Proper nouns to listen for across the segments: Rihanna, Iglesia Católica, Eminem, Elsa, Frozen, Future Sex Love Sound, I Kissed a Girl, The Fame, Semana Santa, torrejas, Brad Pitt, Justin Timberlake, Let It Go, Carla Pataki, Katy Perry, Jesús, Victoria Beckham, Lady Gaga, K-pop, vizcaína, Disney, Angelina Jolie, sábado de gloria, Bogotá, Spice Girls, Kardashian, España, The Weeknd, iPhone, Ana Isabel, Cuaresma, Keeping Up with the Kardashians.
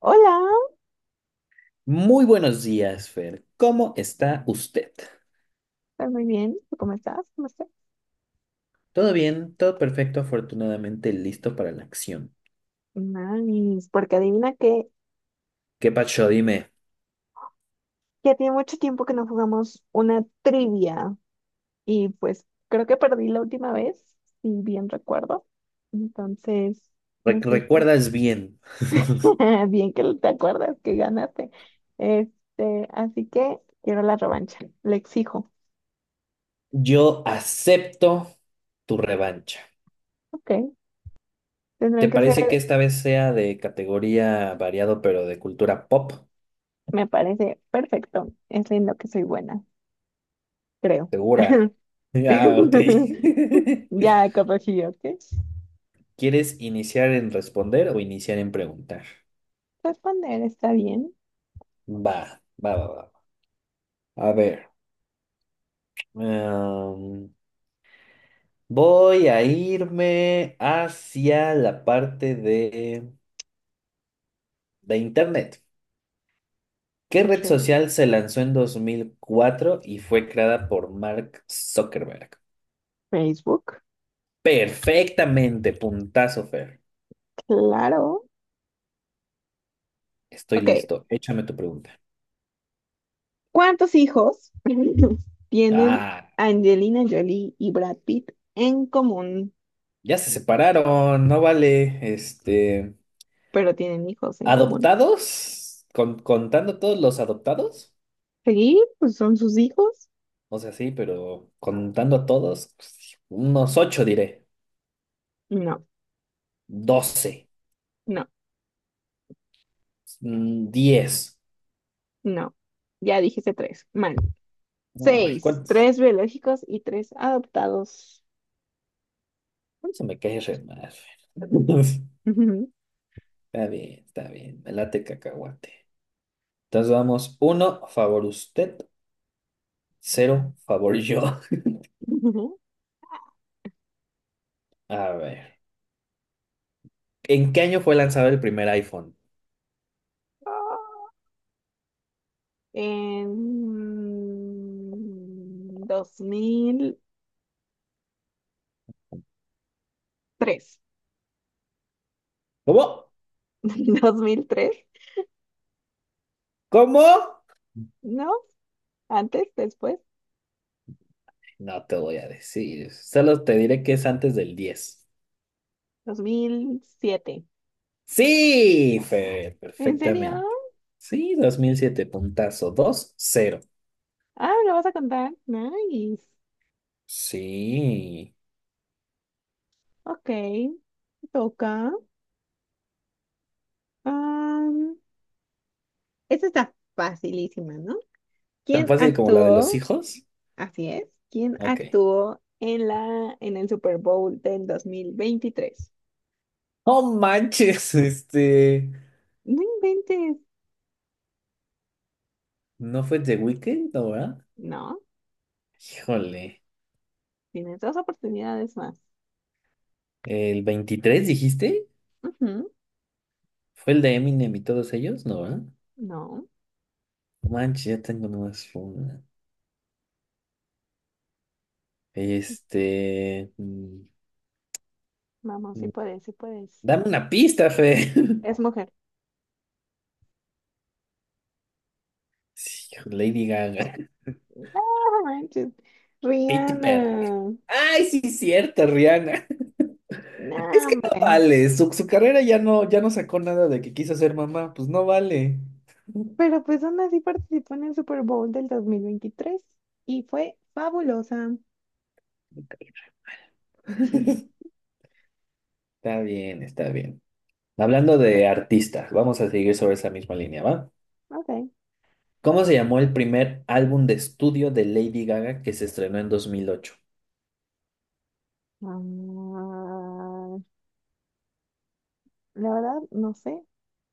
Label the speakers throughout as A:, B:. A: Hola,
B: Muy buenos días, Fer. ¿Cómo está usted?
A: estoy muy bien. ¿Tú cómo estás? ¿Cómo estás?
B: ¿Todo bien? ¿Todo perfecto? Afortunadamente listo para la acción.
A: Nice, porque adivina que
B: ¿Qué pacho? Dime,
A: ya tiene mucho tiempo que no jugamos una trivia y pues creo que perdí la última vez, si bien recuerdo. Entonces, necesito.
B: ¿Recuerdas bien?
A: Bien que te acuerdas que ganaste. Este, así que quiero la revancha, le exijo.
B: Yo acepto tu revancha.
A: Ok,
B: ¿Te
A: tendrán que
B: parece que
A: ser,
B: esta vez sea de categoría variado, pero de cultura pop?
A: me parece perfecto. Es en lo que soy buena, creo.
B: ¿Segura? Ah, ok.
A: Ya corregí, ¿ok?
B: ¿Quieres iniciar en responder o iniciar en preguntar?
A: Responder está bien.
B: Va, va, va, va. A ver. em, Voy a irme hacia la parte de Internet. ¿Qué red
A: Ok.
B: social se lanzó en 2004 y fue creada por Mark Zuckerberg?
A: Facebook,
B: Perfectamente, puntazo, Fer.
A: claro.
B: Estoy
A: Ok.
B: listo. Échame tu pregunta.
A: ¿Cuántos hijos tienen
B: Ah,
A: Angelina Jolie y Brad Pitt en común?
B: ya se separaron, no vale. Este,
A: Pero tienen hijos en común.
B: ¿adoptados? ¿ contando todos los adoptados?
A: ¿Seguí? Pues son sus hijos.
B: O sea, sí, pero contando a todos, pues, unos ocho diré.
A: No,
B: 12.
A: no,
B: 10.
A: no. Ya dijiste tres. Mal.
B: Ay,
A: Seis.
B: ¿cuántos?
A: Tres biológicos y tres adoptados.
B: ¿Cuántos se me cae re mal?
A: Ujú,
B: Está bien, está bien. Me late cacahuate. Entonces vamos, uno, favor usted, cero, favor yo.
A: ujú.
B: A ver, ¿en qué año fue lanzado el primer iPhone?
A: En 2003.
B: ¿Cómo?
A: ¿2003?
B: ¿Cómo?
A: ¿No? ¿Antes? ¿Después?
B: No te voy a decir, solo te diré que es antes del 10.
A: ¿2007?
B: Sí, Fer,
A: ¿En serio?
B: perfectamente. Sí, 2007 puntazo, dos, cero.
A: Ah, ¿me lo vas a contar? Nice.
B: Sí,
A: Ok, toca. Am, Esta está facilísima, ¿no?
B: tan
A: ¿Quién
B: fácil como la de los
A: actuó?
B: hijos.
A: Así es. ¿Quién
B: Ok.
A: actuó en el Super Bowl del 2023?
B: No manches, este.
A: No inventes.
B: ¿No fue The Weeknd, no, verdad?
A: No,
B: Híjole.
A: tienes dos oportunidades más.
B: ¿El 23 dijiste?
A: Ujú.
B: ¿Fue el de Eminem y todos ellos? No, ¿verdad?
A: No,
B: No Manches, ya tengo nomás una. Este.
A: vamos, sí
B: Mm,
A: puedes, sí puedes.
B: Dame una pista, Fe.
A: Es mujer.
B: Sí, Lady Gaga.
A: No manches,
B: Katy Perry.
A: Rihanna.
B: Ay, sí, cierto, Rihanna.
A: No,
B: Es que no
A: hombre.
B: vale. Su carrera ya no, ya no sacó nada de que quiso ser mamá. Pues no vale.
A: Pero pues aún así participó en el Super Bowl del 2023 y fue fabulosa.
B: Está bien, está bien. Hablando de artistas, vamos a seguir sobre esa misma línea, ¿va?
A: Ok.
B: ¿Cómo se llamó el primer álbum de estudio de Lady Gaga que se estrenó en 2008?
A: Ah, la verdad, no sé.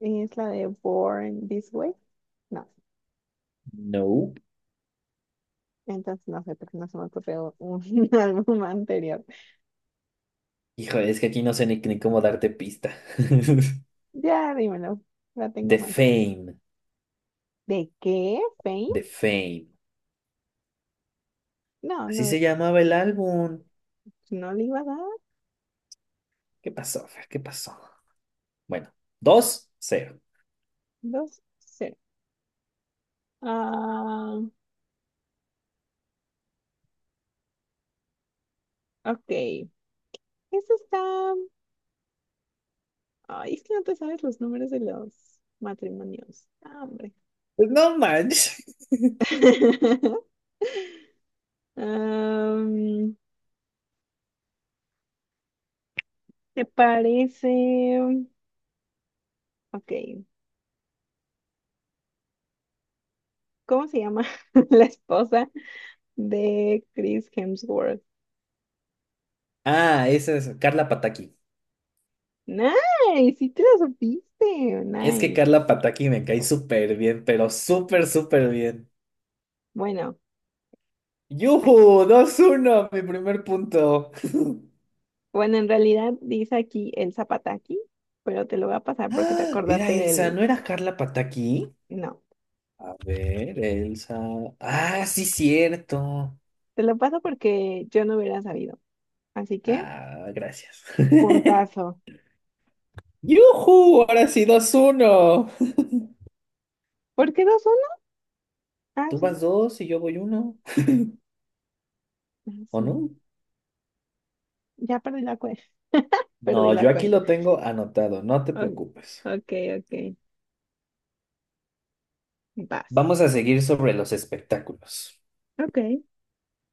A: ¿Es la de Born This Way? No.
B: No.
A: Entonces no sé, porque no se me ocurrió un álbum anterior.
B: Híjole, es que aquí no sé ni cómo darte pista.
A: Ya, dímelo. La tengo
B: The
A: mal.
B: Fame,
A: ¿De qué? ¿Fame?
B: The Fame.
A: No,
B: Así
A: no,
B: se llamaba el álbum.
A: no le iba a dar.
B: ¿Qué pasó, Fer? ¿Qué pasó? Bueno, dos cero.
A: 2-0. Ah, ok. Eso está. Ay, es que no te sabes los números de los matrimonios. Ah, hombre.
B: Pues no manches.
A: Am, ¿Te parece? Ok. ¿Cómo se llama la esposa de Chris Hemsworth?
B: Ah, esa es Carla Pataki.
A: Nice, sí te la supiste.
B: Es que
A: Nice.
B: Carla Pataki me cae súper bien, pero súper, súper bien.
A: Bueno, ay,
B: Yujú. Dos uno, mi primer punto.
A: bueno, en realidad dice aquí el zapataki, pero te lo voy a pasar porque te
B: Era
A: acordaste
B: Elsa,
A: del.
B: ¿no era Carla Pataki?
A: No,
B: A ver, Elsa. Ah, sí, cierto.
A: te lo paso porque yo no hubiera sabido. Así que.
B: Ah, gracias.
A: Puntazo.
B: ¡Yujú! Ahora sí, dos uno.
A: ¿Por qué 2-1? Ah,
B: Tú
A: sí.
B: vas dos y yo voy uno.
A: Ah,
B: ¿O
A: sí.
B: no?
A: Ya perdí la cuenta. Perdí
B: No,
A: la
B: yo aquí
A: cuenta.
B: lo tengo anotado, no te
A: Oh,
B: preocupes.
A: ok, ok. Vas.
B: Vamos a seguir sobre los espectáculos.
A: Ok.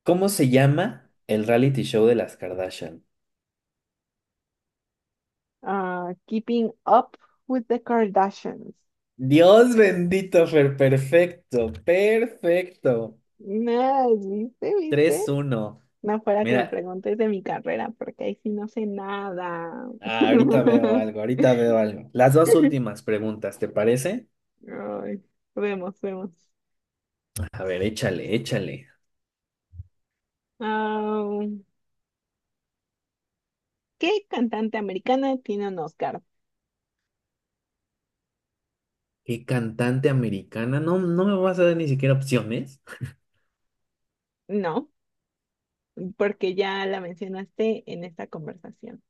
B: ¿Cómo se llama el reality show de las Kardashian?
A: Ah, Keeping Up with the Kardashians.
B: Dios bendito, Fer, perfecto, perfecto.
A: No, ¿viste? ¿Viste?
B: Tres uno.
A: No fuera que me
B: Mira,
A: preguntes de mi carrera, porque ahí sí no sé nada.
B: ah, ahorita veo algo, ahorita veo algo. Las dos últimas preguntas, ¿te parece?
A: Ay, vemos, vemos.
B: A ver, échale, échale.
A: Ah, ¿qué cantante americana tiene un Oscar?
B: ¿Qué cantante americana? No, no me vas a dar ni siquiera opciones.
A: No, porque ya la mencionaste en esta conversación,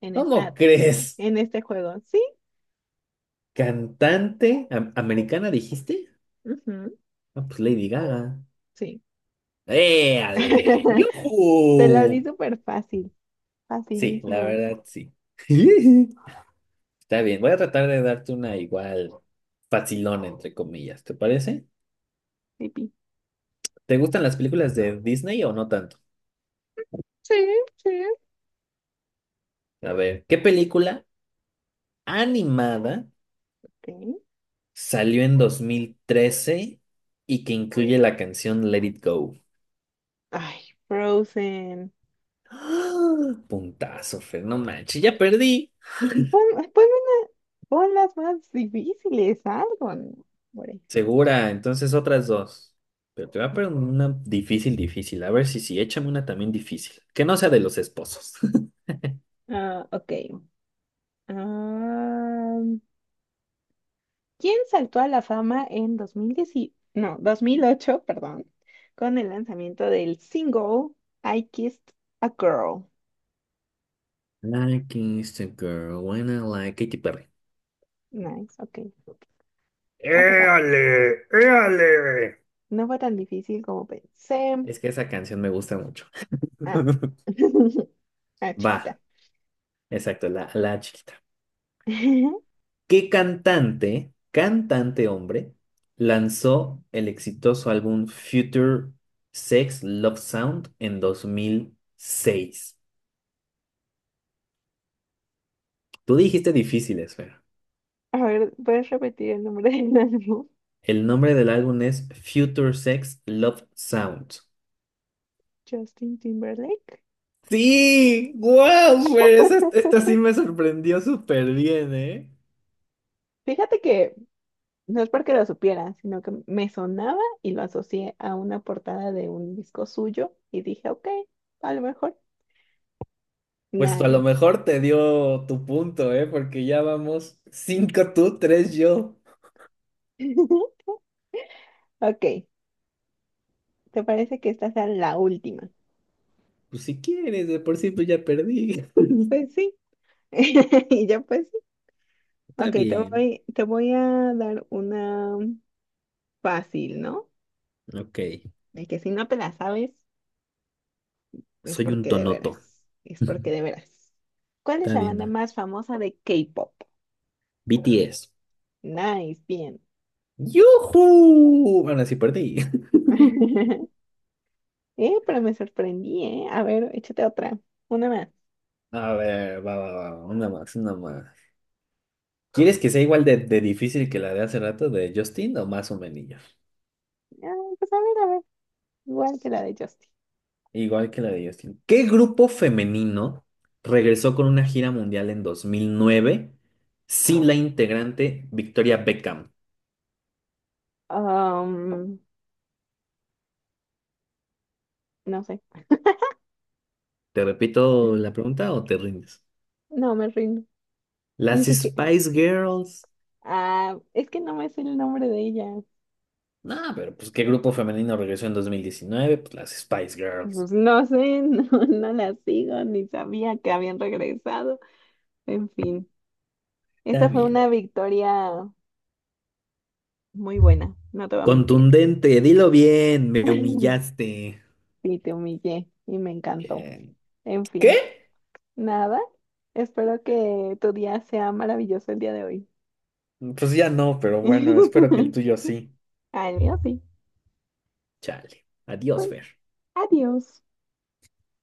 A: en
B: ¿Cómo
A: esta,
B: crees?
A: en este juego. Sí,
B: ¿Cantante americana dijiste?
A: ujú,
B: Ah, pues Lady Gaga.
A: sí.
B: ¡Éale!
A: Te la di
B: ¡Yujú!
A: súper fácil,
B: Sí, la
A: facilísima,
B: verdad, sí. Está bien, voy a tratar de darte una igual facilona, entre comillas, ¿te parece?
A: pipi.
B: ¿Te gustan las películas de Disney o no tanto?
A: Sí, sí.
B: A ver, ¿qué película animada
A: Ok.
B: salió en 2013 y que incluye la canción Let It Go?
A: Ay, Frozen.
B: ¡Ah! Puntazo, Fer, no manches, ya perdí.
A: Pon, ponme una- pon las más difíciles, algo, ¿no? Hombre.
B: Segura, entonces otras dos. Pero te voy a poner una difícil, difícil. A ver si sí, échame una también difícil. Que no sea de los esposos.
A: Ah, ok. Ah, quien saltó a la fama en 2010 no, 2008, perdón, con el lanzamiento del single I Kissed a Girl.
B: Like is the girl when I like Katy Perry.
A: Nice, ok. No fue tan,
B: ¡Éale! ¡Éale!
A: no fue tan difícil como pensé.
B: Es que esa canción me gusta mucho.
A: Ah, ah,
B: Va,
A: chiquita.
B: exacto, la chiquita. ¿Qué cantante, cantante hombre, lanzó el exitoso álbum Future Sex Love Sound en 2006? Tú dijiste difíciles, Fer.
A: A ver, ¿puedes repetir el nombre del álbum?
B: El nombre del álbum es Future Sex Love Sound.
A: Justin Timberlake.
B: Sí, wow, Fer, esta sí me sorprendió súper bien, ¿eh?
A: Fíjate que no es porque lo supiera, sino que me sonaba y lo asocié a una portada de un disco suyo y dije, ok, a lo mejor.
B: Pues a lo
A: Nice.
B: mejor te dio tu punto, ¿eh? Porque ya vamos cinco tú, tres yo.
A: Ok, ¿te parece que esta sea la última?
B: Pues si quieres, de por sí pues ya perdí.
A: Pues sí. Y yo pues sí.
B: Está
A: Ok, te
B: bien.
A: voy, te voy a dar una fácil, ¿no?
B: Ok.
A: De que si no te la sabes, es
B: Soy un
A: porque de
B: tonoto.
A: veras. Es porque de veras. ¿Cuál es
B: Está
A: la banda
B: bien.
A: más famosa de K-pop?
B: BTS.
A: Nice, bien.
B: ¡Yujú! Ahora sí perdí.
A: Pero me sorprendí, ¿eh? A ver, échate otra. Una más.
B: A ver, va, va, va. Una más, una más. ¿Quieres que sea igual de difícil que la de hace rato de Justin o más o menos?
A: Ah, pues a ver, a ver. Igual que la de Justin.
B: Igual que la de Justin. ¿Qué grupo femenino regresó con una gira mundial en 2009 sin la integrante Victoria Beckham?
A: Um, no sé.
B: ¿Te repito la pregunta o te rindes?
A: No, me rindo.
B: Las
A: Ni siquiera.
B: Spice Girls.
A: Ah, es que no me sé el nombre de ella.
B: No, pero pues qué grupo femenino regresó en 2019, pues las Spice Girls.
A: Pues no sé, no, no la sigo, ni sabía que habían regresado. En fin,
B: Está
A: esta fue
B: bien.
A: una victoria muy buena, no te voy a mentir.
B: Contundente, dilo bien, me humillaste.
A: Sí, te humillé y me encantó.
B: Eh,
A: En fin,
B: ¿Qué?
A: nada, espero que tu día sea maravilloso el día de hoy.
B: Pues ya no, pero bueno, espero que el tuyo sí.
A: Ah, el mío sí.
B: Chale. Adiós,
A: Pues
B: Fer.
A: adiós.